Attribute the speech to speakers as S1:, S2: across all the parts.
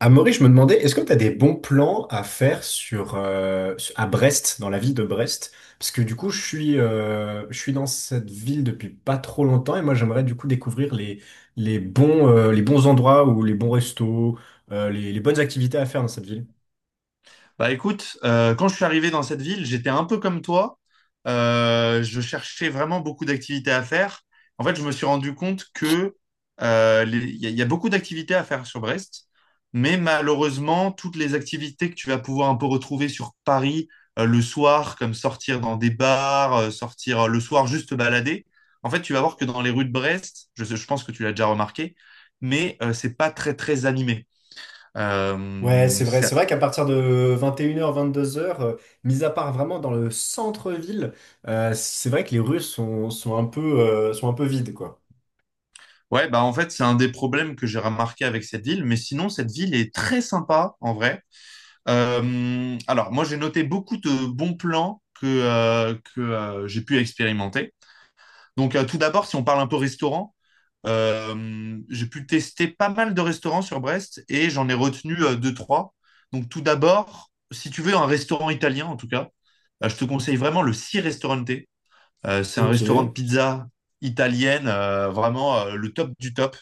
S1: Amaury, je me demandais, est-ce que tu as des bons plans à faire sur, à Brest, dans la ville de Brest? Parce que du coup, je suis dans cette ville depuis pas trop longtemps et moi, j'aimerais du coup découvrir les bons endroits ou les bons restos, les bonnes activités à faire dans cette ville.
S2: Bah écoute, quand je suis arrivé dans cette ville, j'étais un peu comme toi. Je cherchais vraiment beaucoup d'activités à faire. En fait, je me suis rendu compte que il y a beaucoup d'activités à faire sur Brest, mais malheureusement, toutes les activités que tu vas pouvoir un peu retrouver sur Paris le soir, comme sortir dans des bars, sortir le soir juste te balader, en fait, tu vas voir que dans les rues de Brest, je pense que tu l'as déjà remarqué, mais c'est pas très très animé.
S1: Ouais, c'est vrai.
S2: C'est
S1: C'est vrai qu'à partir de 21h, 22h, mis à part vraiment dans le centre-ville, c'est vrai que les rues sont un peu vides, quoi.
S2: Ouais, bah en fait, c'est un des problèmes que j'ai remarqué avec cette ville, mais sinon, cette ville est très sympa en vrai. Alors, moi, j'ai noté beaucoup de bons plans que, j'ai pu expérimenter. Donc, tout d'abord, si on parle un peu restaurant, j'ai pu tester pas mal de restaurants sur Brest et j'en ai retenu deux, trois. Donc, tout d'abord, si tu veux un restaurant italien, en tout cas, je te conseille vraiment le Si Restaurante. C'est un
S1: Ok.
S2: restaurant de pizza italienne, vraiment le top du top.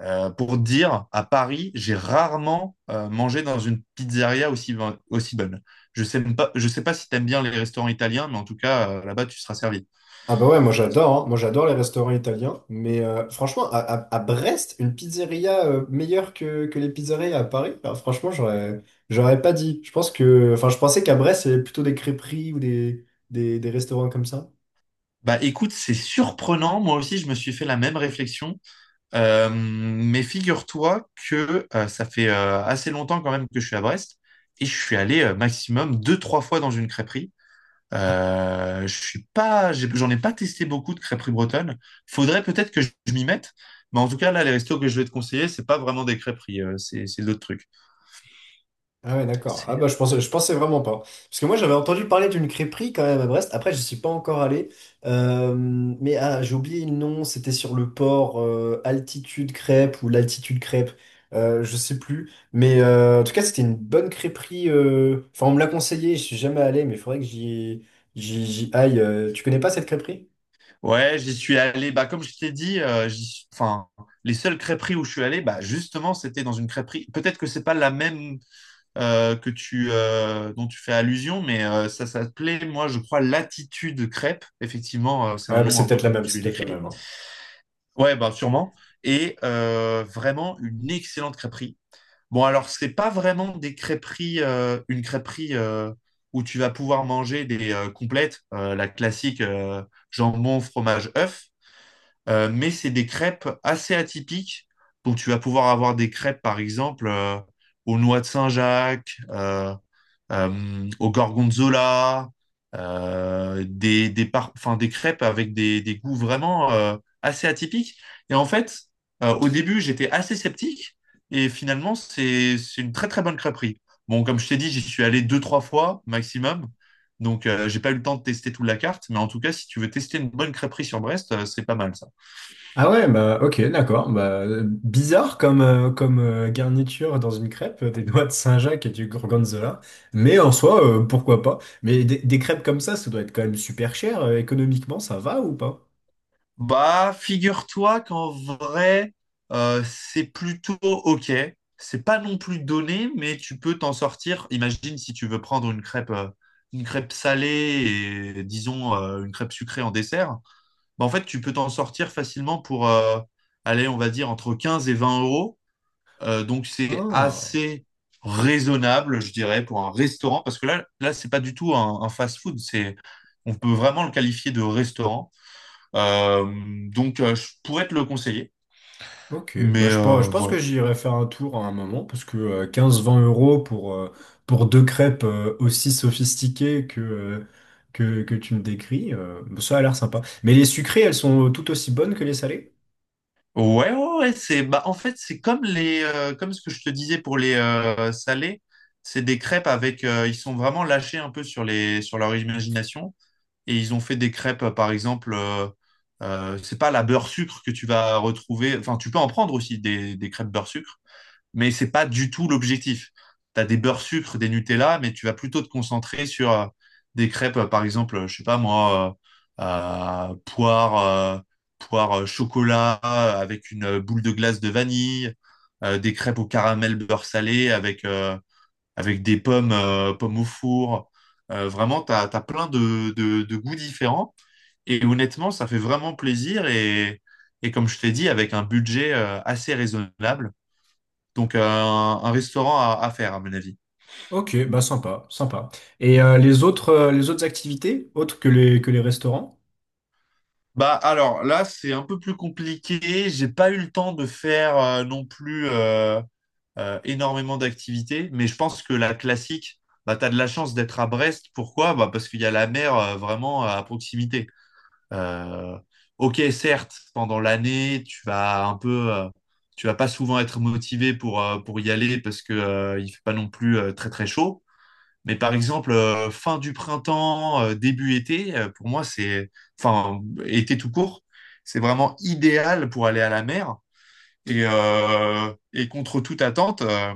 S2: Pour dire, à Paris, j'ai rarement mangé dans une pizzeria aussi bonne. Je sais même pas, je sais pas si t'aimes bien les restaurants italiens, mais en tout cas, là-bas, tu seras servi.
S1: Ah bah ouais, moi j'adore, hein. Moi j'adore les restaurants italiens, mais franchement, à Brest, une pizzeria meilleure que les pizzerias à Paris, alors franchement, j'aurais pas dit. Je pense que, enfin, je pensais qu'à Brest, c'est plutôt des crêperies ou des restaurants comme ça.
S2: Bah écoute, c'est surprenant. Moi aussi, je me suis fait la même réflexion. Mais figure-toi que ça fait assez longtemps quand même que je suis à Brest et je suis allé maximum deux, trois fois dans une crêperie. Je suis pas, j'en ai pas testé beaucoup de crêperies bretonnes. Faudrait peut-être que je m'y mette, mais en tout cas là, les restos que je vais te conseiller, c'est pas vraiment des crêperies, c'est d'autres trucs.
S1: Ah ouais, d'accord. Ah
S2: C'est-
S1: bah je pensais vraiment pas. Parce que moi j'avais entendu parler d'une crêperie quand même à Brest. Après, je suis pas encore allé. Mais ah, j'ai oublié le nom, c'était sur le port Altitude Crêpe ou l'Altitude Crêpe. Je sais plus. Mais en tout cas, c'était une bonne crêperie. Enfin, on me l'a conseillé, je suis jamais allé, mais il faudrait que j'y aille. Tu connais pas cette crêperie?
S2: Ouais, j'y suis allé. Bah comme je t'ai dit, enfin les seules crêperies où je suis allé, bah justement c'était dans une crêperie. Peut-être que c'est pas la même que tu dont tu fais allusion, mais ça s'appelait moi je crois Latitude Crêpe. Effectivement, c'est un
S1: Ouais, bah
S2: nom
S1: c'est
S2: un peu
S1: peut-être la
S2: comme
S1: même,
S2: tu
S1: c'est peut-être la
S2: l'écris.
S1: même. hein.
S2: Ouais, bah sûrement. Et vraiment une excellente crêperie. Bon, alors, c'est pas vraiment des crêperies, une crêperie où tu vas pouvoir manger des complètes, la classique, jambon, fromage, œuf. Mais c'est des crêpes assez atypiques. Donc, tu vas pouvoir avoir des crêpes, par exemple, aux noix de Saint-Jacques, au gorgonzola, enfin, des crêpes avec des goûts vraiment assez atypiques. Et en fait, au début, j'étais assez sceptique et finalement, c'est une très très bonne crêperie. Bon, comme je t'ai dit, j'y suis allé deux, trois fois maximum. Donc, j'ai pas eu le temps de tester toute la carte, mais en tout cas, si tu veux tester une bonne crêperie sur Brest, c'est pas mal ça.
S1: Ah ouais, bah ok, d'accord. Bah, bizarre comme garniture dans une crêpe, des noix de Saint-Jacques et du gorgonzola. Mais en soi, pourquoi pas? Mais des crêpes comme ça doit être quand même super cher. Économiquement, ça va ou pas?
S2: Bah, figure-toi qu'en vrai, c'est plutôt OK. C'est pas non plus donné, mais tu peux t'en sortir. Imagine si tu veux prendre une crêpe salée et disons une crêpe sucrée en dessert. Bah, en fait, tu peux t'en sortir facilement pour aller, on va dire, entre 15 et 20 euros. Donc, c'est
S1: Ah,
S2: assez raisonnable, je dirais, pour un restaurant. Parce que là, là, c'est pas du tout un fast-food. On peut vraiment le qualifier de restaurant. Euh, donc, je pourrais te le conseiller.
S1: ok. Bah,
S2: Mais
S1: je, pense- je pense
S2: voilà.
S1: que j'irai faire un tour à un moment, parce que 15-20 euros pour deux crêpes aussi sophistiquées que, que tu me décris, ça a l'air sympa. Mais les sucrées, elles sont tout aussi bonnes que les salées?
S2: Ouais, ouais, ouais, c'est bah en fait c'est comme les comme ce que je te disais pour les salés, c'est des crêpes avec ils sont vraiment lâchés un peu sur les sur leur imagination et ils ont fait des crêpes par exemple c'est pas la beurre sucre que tu vas retrouver enfin tu peux en prendre aussi des crêpes beurre sucre mais c'est pas du tout l'objectif. Tu as des beurres sucre, des Nutella, mais tu vas plutôt te concentrer sur des crêpes, par exemple, je sais pas moi, euh, euh, poire, euh, poire chocolat avec une boule de glace de vanille, des crêpes au caramel beurre salé avec des pommes, pommes au four. Vraiment, tu as, plein de goûts différents. Et honnêtement, ça fait vraiment plaisir. Et comme je t'ai dit, avec un budget assez raisonnable. Donc, un restaurant à faire, à mon avis.
S1: Ok, bah sympa, sympa. Et les autres activités, autres que que les restaurants?
S2: Bah, alors là, c'est un peu plus compliqué. J'ai pas eu le temps de faire non plus énormément d'activités, mais je pense que la classique, bah, t'as de la chance d'être à Brest. Pourquoi? Bah, parce qu'il y a la mer vraiment à proximité. Euh, ok, certes, pendant l'année, tu vas pas souvent être motivé pour y aller parce que il fait pas non plus très très chaud. Mais par exemple, fin du printemps, début été, pour moi, enfin, été tout court, c'est vraiment idéal pour aller à la mer. Et contre toute attente,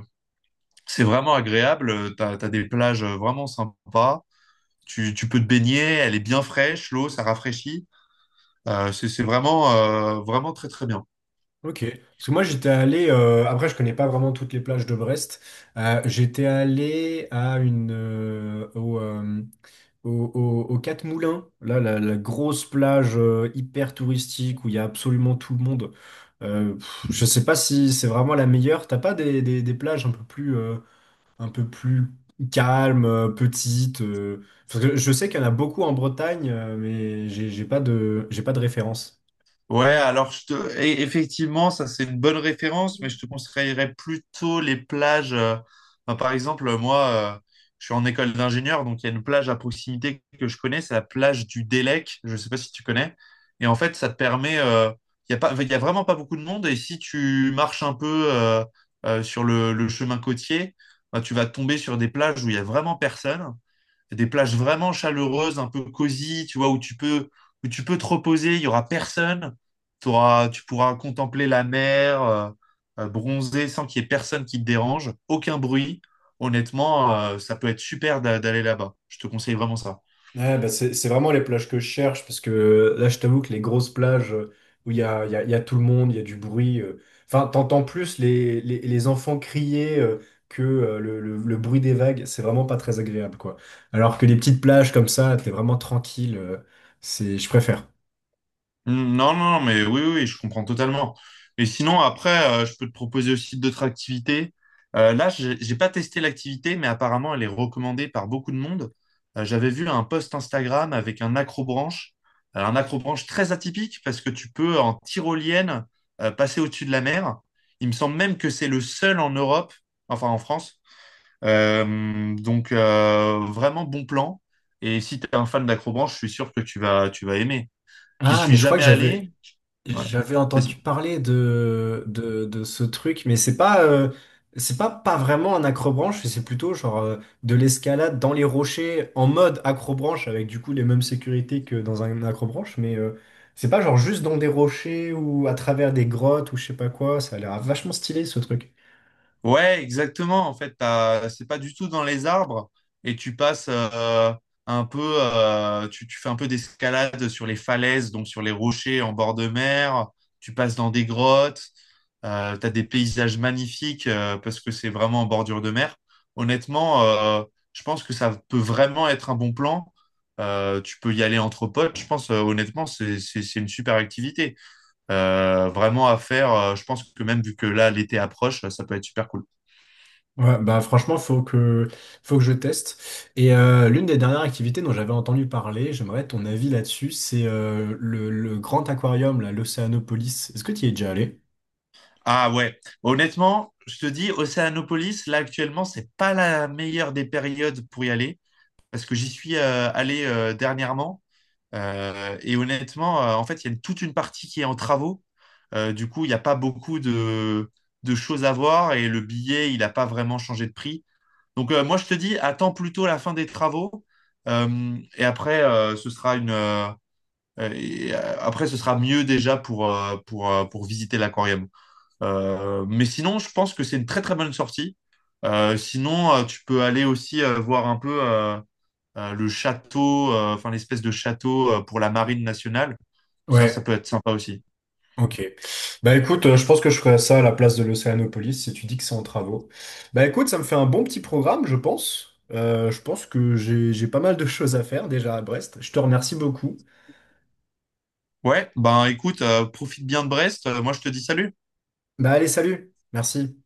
S2: c'est vraiment agréable. T'as des plages vraiment sympas. Tu peux te baigner, elle est bien fraîche, l'eau, ça rafraîchit. C'est vraiment, vraiment très, très bien.
S1: Ok. Parce que moi j'étais allé, après je connais pas vraiment toutes les plages de Brest. J'étais allé à une, au, au, au- aux Quatre Moulins, là, la grosse plage hyper touristique où il y a absolument tout le monde. Pff, je sais pas si c'est vraiment la meilleure. T'as pas des plages un peu plus calme, petite. Parce que je sais qu'il y en a beaucoup en Bretagne, mais j'ai pas de référence.
S2: Ouais, alors effectivement, ça c'est une bonne référence, mais je te conseillerais plutôt les plages. Enfin, par exemple, moi, euh, je suis en école d'ingénieur, donc il y a une plage à proximité que je connais, c'est la plage du Délec, je ne sais pas si tu connais. Et en fait, ça te permet, il y a vraiment pas beaucoup de monde, et si tu marches un peu sur le chemin côtier, bah, tu vas tomber sur des plages où il y a vraiment personne, des plages vraiment chaleureuses, un peu cosy, tu vois, où tu peux te reposer, il y aura personne. Tu pourras contempler la mer, bronzer sans qu'il y ait personne qui te dérange, aucun bruit. Honnêtement, ça peut être super d'aller là-bas. Je te conseille vraiment ça.
S1: Ouais, bah c'est vraiment les plages que je cherche, parce que là, je t'avoue que les grosses plages où il y a tout le monde, il y a du bruit, enfin, t'entends plus les enfants crier que le bruit des vagues, c'est vraiment pas très agréable, quoi. Alors que les petites plages comme ça, t'es vraiment tranquille, c'est, je préfère.
S2: Mm, non, non, non, mais oui, oui, oui, je comprends totalement. Et sinon, après, je peux te proposer aussi d'autres activités. Là, j'ai pas testé l'activité, mais apparemment, elle est recommandée par beaucoup de monde. J'avais vu un post Instagram avec un accrobranche, alors un accrobranche très atypique parce que tu peux en tyrolienne passer au-dessus de la mer. Il me semble même que c'est le seul en Europe, enfin en France. Donc, vraiment bon plan. Et si tu es un fan d'accrobranche, je suis sûr que tu vas aimer. J'y
S1: Ah,
S2: suis
S1: mais je crois que
S2: jamais
S1: j'avais,
S2: allé. Ouais.
S1: j'avais
S2: Faci-
S1: entendu parler de ce truc, mais c'est pas, pas vraiment un accrobranche, c'est plutôt genre de l'escalade dans les rochers en mode accrobranche avec du coup les mêmes sécurités que dans un accrobranche, mais c'est pas genre juste dans des rochers ou à travers des grottes ou je sais pas quoi, ça a l'air vachement stylé ce truc.
S2: Ouais, exactement. En fait, c'est pas du tout dans les arbres et tu passes un peu, tu fais un peu d'escalade sur les falaises, donc sur les rochers en bord de mer. Tu passes dans des grottes. T'as des paysages magnifiques parce que c'est vraiment en bordure de mer. Honnêtement, je pense que ça peut vraiment être un bon plan. Tu peux y aller entre potes. Je pense, honnêtement, c'est une super activité. Vraiment à faire. Je pense que même vu que là, l'été approche, ça peut être super cool.
S1: Ouais, bah franchement, faut que je teste. Et l'une des dernières activités dont j'avais entendu parler, j'aimerais ton avis là-dessus, c'est le grand aquarium, là, l'Océanopolis. Est-ce que tu y es déjà allé?
S2: Ah ouais, honnêtement, je te dis, Océanopolis, là actuellement, c'est pas la meilleure des périodes pour y aller parce que j'y suis allé dernièrement. Et honnêtement, en fait, il y a une- toute une partie qui est en travaux. Du coup, il n'y a pas beaucoup de choses à voir et le billet, il n'a pas vraiment changé de prix. Donc, moi, je te dis, attends plutôt la fin des travaux. Et après, ce sera une, et, après, ce sera mieux déjà pour visiter l'aquarium. Mais sinon, je pense que c'est une très très bonne sortie. Sinon, tu peux aller aussi voir un peu le château, enfin l'espèce de château pour la marine nationale. Ça
S1: Ouais,
S2: peut être sympa aussi.
S1: Ok. Bah écoute, je pense que je ferais ça à la place de l'Océanopolis si tu dis que c'est en travaux. Bah écoute, ça me fait un bon petit programme, je pense. Je pense que j'ai pas mal de choses à faire déjà à Brest. Je te remercie beaucoup.
S2: Ouais, ben écoute, profite bien de Brest. Moi, je te dis salut.
S1: Bah allez, salut. Merci.